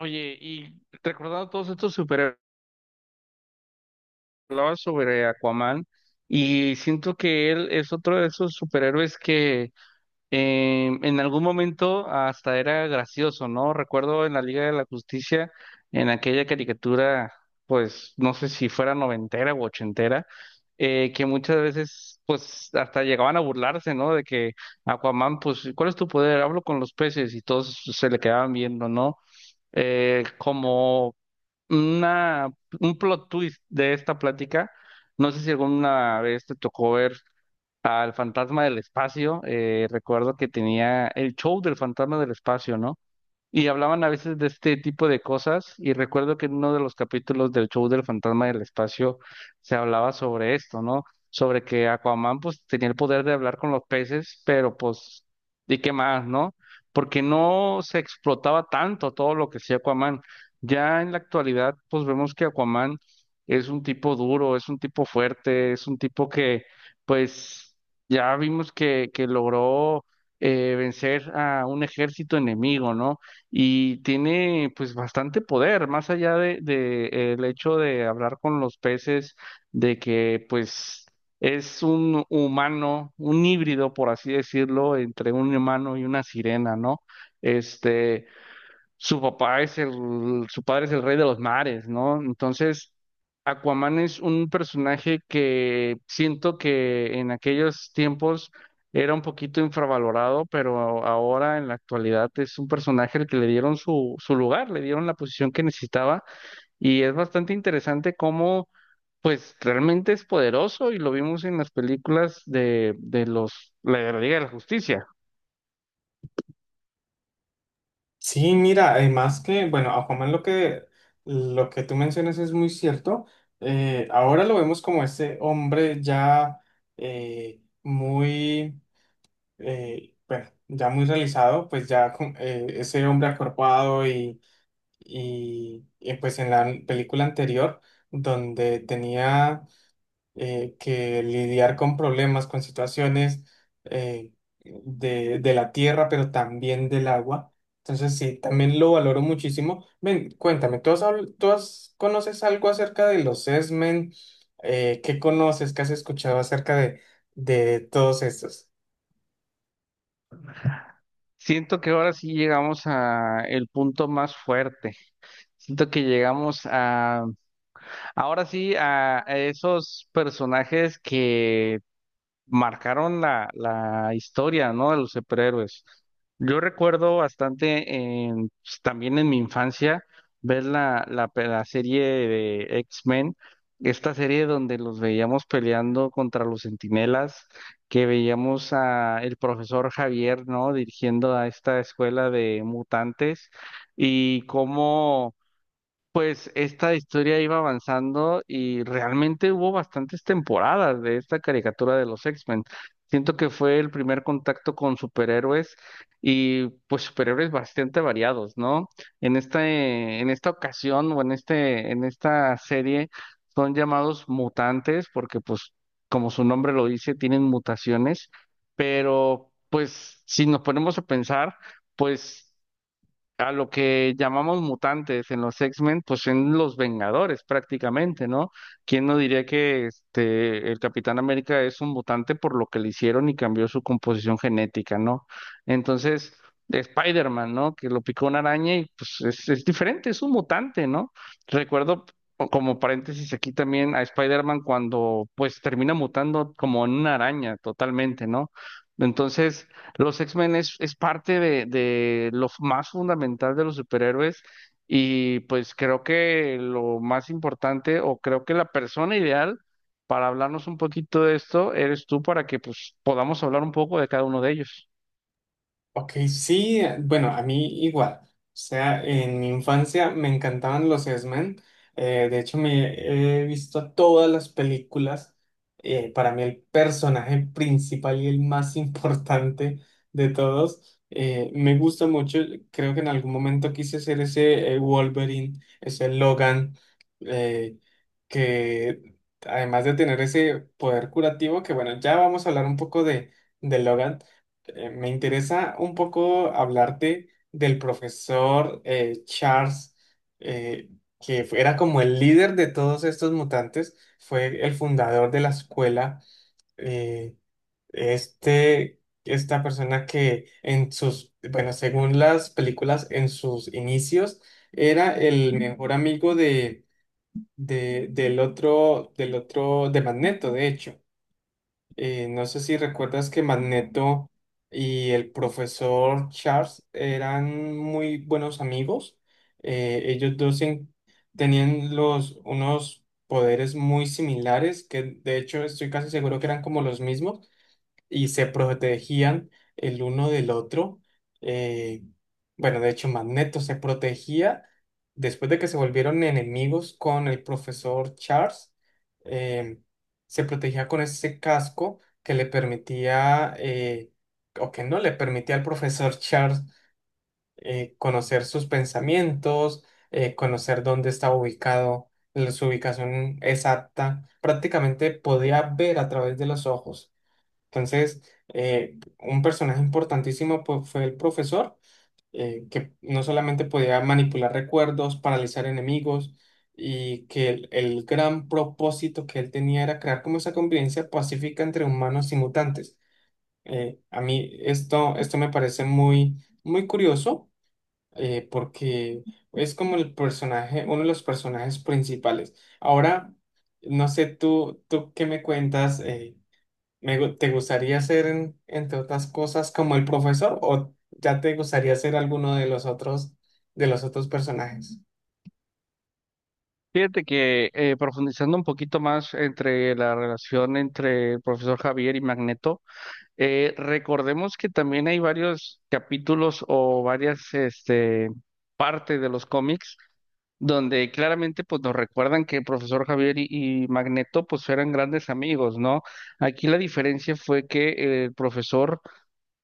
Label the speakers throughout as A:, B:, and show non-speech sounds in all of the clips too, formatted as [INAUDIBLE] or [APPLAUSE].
A: Oye, y recordando todos estos superhéroes, hablabas sobre Aquaman y siento que él es otro de esos superhéroes que en algún momento hasta era gracioso, ¿no? Recuerdo en la Liga de la Justicia, en aquella caricatura, pues no sé si fuera noventera o ochentera, que muchas veces pues hasta llegaban a burlarse, ¿no? De que Aquaman, pues, ¿cuál es tu poder? Hablo con los peces y todos se le quedaban viendo, ¿no? Como una, un plot twist de esta plática. No sé si alguna vez te tocó ver al Fantasma del Espacio. Recuerdo que tenía el show del Fantasma del Espacio, ¿no? Y hablaban a veces de este tipo de cosas y recuerdo que en uno de los capítulos del show del Fantasma del Espacio se hablaba sobre esto, ¿no? Sobre que Aquaman pues tenía el poder de hablar con los peces, pero pues, ¿y qué más, no? Porque no se explotaba tanto todo lo que hacía Aquaman. Ya en la actualidad pues vemos que Aquaman es un tipo duro, es un tipo fuerte, es un tipo que pues ya vimos que logró vencer a un ejército enemigo, ¿no? Y tiene pues bastante poder, más allá de el hecho de hablar con los peces, de que pues es un humano, un híbrido, por así decirlo, entre un humano y una sirena, ¿no? Este, su papá es el, su padre es el rey de los mares, ¿no? Entonces, Aquaman es un personaje que siento que en aquellos tiempos era un poquito infravalorado, pero ahora en la actualidad es un personaje al que le dieron su lugar, le dieron la posición que necesitaba y es bastante interesante cómo, pues, realmente es poderoso y lo vimos en las películas de los, la de la Liga de la Justicia.
B: Sí, mira, además que, bueno, Aquaman lo que tú mencionas es muy cierto. Ahora lo vemos como ese hombre ya eh, muy, bueno, ya muy realizado, pues ya ese hombre acorpado y, pues en la película anterior, donde tenía que lidiar con problemas, con situaciones eh, de la tierra, pero también del agua. Entonces, sí, también lo valoro muchísimo. Ven, cuéntame, ¿tú has, habl- tú has- conoces algo acerca de los X-Men? ¿Qué conoces? ¿Qué has escuchado acerca de todos estos?
A: Siento que ahora sí llegamos a el punto más fuerte. Siento que llegamos a, ahora sí, a esos personajes que marcaron la historia, ¿no? De los superhéroes. Yo recuerdo bastante, pues, también en mi infancia, ver la serie de X-Men, esta serie donde los veíamos peleando contra los Centinelas, que veíamos a el profesor Javier, ¿no? Dirigiendo a esta escuela de mutantes y cómo pues esta historia iba avanzando y realmente hubo bastantes temporadas de esta caricatura de los X-Men. Siento que fue el primer contacto con superhéroes y pues superhéroes bastante variados, ¿no? En esta ocasión o en en esta serie son llamados mutantes porque pues como su nombre lo dice, tienen mutaciones, pero pues si nos ponemos a pensar, pues a lo que llamamos mutantes en los X-Men, pues en los Vengadores prácticamente, ¿no? ¿Quién no diría que este el Capitán América es un mutante por lo que le hicieron y cambió su composición genética, ¿no? Entonces, Spider-Man, ¿no? Que lo picó una araña y pues es diferente, es un mutante, ¿no? Recuerdo o como paréntesis aquí también a Spider-Man cuando pues termina mutando como en una araña totalmente, ¿no? Entonces, los X-Men es parte de lo más fundamental de los superhéroes y pues creo que lo más importante o creo que la persona ideal para hablarnos un poquito de esto eres tú para que pues podamos hablar un poco de cada uno de ellos.
B: Ok, sí, bueno, a mí igual. O sea, en mi infancia me encantaban los X-Men. De hecho, me he visto todas las películas. Para mí el personaje principal y el más [LAUGHS] importante de todos. Me gusta mucho. Creo que en algún momento quise ser ese Wolverine, ese Logan, eh, que además de tener ese poder curativo, que bueno, ya vamos a hablar un poco de Logan, me interesa un poco hablarte del profesor Charles, eh, que era como el líder de todos estos mutantes, fue el fundador de la escuela. eh, Esta persona que en sus, bueno, según las películas, en sus inicios era el mejor amigo del otro, de Magneto, de hecho. No sé si recuerdas que Magneto y el profesor Charles eran muy buenos amigos. Ellos dos tenían los, unos poderes muy similares, que de hecho estoy casi seguro que eran como los mismos y se protegían el uno del otro. eh, bueno, de hecho, Magneto se protegía después de que se volvieron enemigos con el profesor Charles. eh, Se protegía con ese casco que le permitía, o que no le permitía al profesor [LAUGHS] Charles conocer sus pensamientos, conocer dónde estaba ubicado, su ubicación exacta. Prácticamente podía ver a través de los ojos. Entonces, un personaje importantísimo, pues, fue el profesor, que no solamente podía manipular recuerdos, paralizar enemigos, y que el gran propósito que él tenía era crear como esa convivencia pacífica entre humanos y mutantes. A mí esto, esto me parece muy, muy curioso, porque es como el personaje, uno de los personajes principales. Ahora, no sé, tú qué me cuentas. ¿Te gustaría ser, entre otras cosas, como el profesor, o ya te gustaría ser alguno de los otros personajes?
A: Fíjate que profundizando un poquito más entre la relación entre el profesor Javier y Magneto, recordemos que también hay varios capítulos o varias este, partes de los cómics donde claramente pues nos recuerdan que el profesor Javier y Magneto pues eran grandes amigos, ¿no? Aquí la diferencia fue que el profesor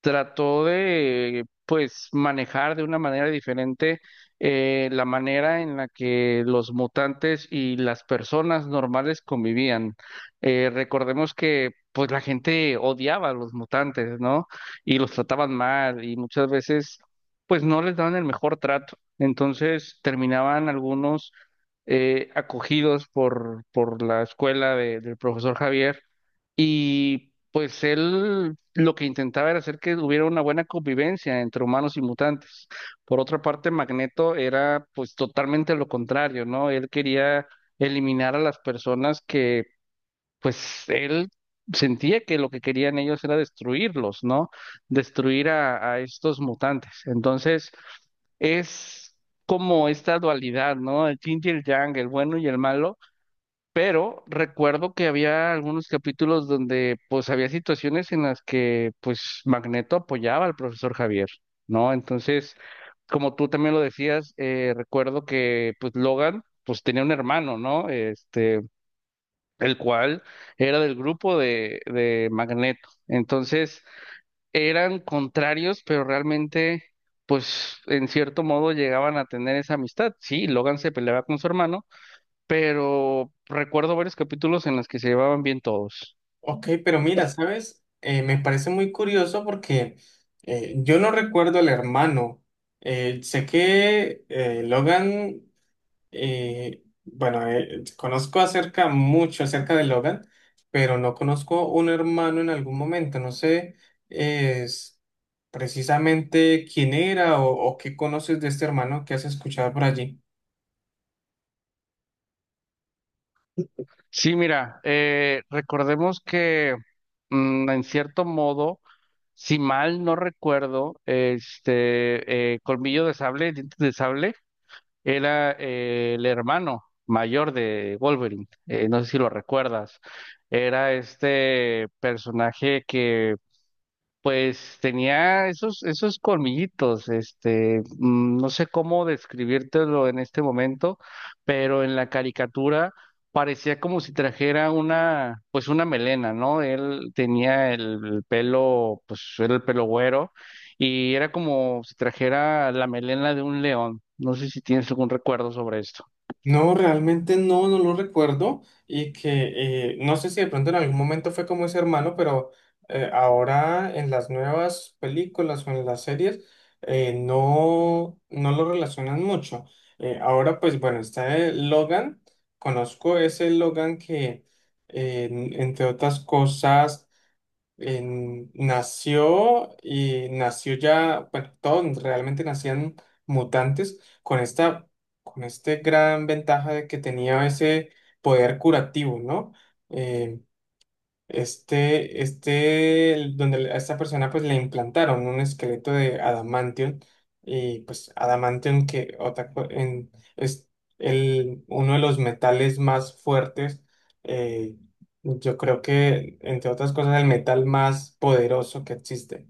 A: trató de, pues, manejar de una manera diferente la manera en la que los mutantes y las personas normales convivían. Recordemos que, pues, la gente odiaba a los mutantes, ¿no? Y los trataban mal y muchas veces, pues, no les daban el mejor trato. Entonces, terminaban algunos acogidos por la escuela del profesor Javier y pues él lo que intentaba era hacer que hubiera una buena convivencia entre humanos y mutantes. Por otra parte, Magneto era pues totalmente lo contrario, ¿no? Él quería eliminar a las personas que pues él sentía que lo que querían ellos era destruirlos, ¿no? Destruir a estos mutantes. Entonces, es como esta dualidad, ¿no? El yin y el yang, el bueno y el malo, pero recuerdo que había algunos capítulos donde pues había situaciones en las que pues Magneto apoyaba al profesor Javier, ¿no? Entonces, como tú también lo decías, recuerdo que pues Logan pues tenía un hermano, ¿no? Este, el cual era del grupo de Magneto. Entonces, eran contrarios, pero realmente pues en cierto modo llegaban a tener esa amistad. Sí, Logan se peleaba con su hermano, pero recuerdo varios capítulos en los que se llevaban bien todos.
B: Ok, pero mira, ¿sabes? Me parece muy curioso porque yo no recuerdo al hermano. Sé que conozco acerca, mucho acerca de Logan, pero no conozco un hermano en algún momento. No sé eh, s- precisamente quién era, o qué conoces de este hermano que has escuchado por allí.
A: Sí, mira, recordemos que en cierto modo, si mal no recuerdo, este Colmillo de Sable, Dientes de Sable, era el hermano mayor de Wolverine. No sé si lo recuerdas. Era este personaje que pues tenía esos colmillitos, este, mm, no sé cómo describírtelo en este momento, pero en la caricatura parecía como si trajera una, pues una melena, ¿no? Él tenía el pelo, pues era el pelo güero, y era como si trajera la melena de un león. No sé si tienes algún recuerdo sobre esto.
B: No, realmente no, no lo recuerdo, y que no sé si de pronto en algún momento fue como ese hermano, pero ahora en las nuevas películas o en las series no, no lo relacionan mucho. Ahora pues bueno, está el Logan, conozco ese Logan que entre otras cosas nació y nació ya, bueno, todos realmente nacían mutantes con esta, con este gran ventaja de que tenía ese poder curativo, ¿no? Eh, a esta persona pues le implantaron un esqueleto de adamantium, y pues adamantium, que es uno de los metales más fuertes, eh, yo creo que entre otras cosas el metal más poderoso que existe.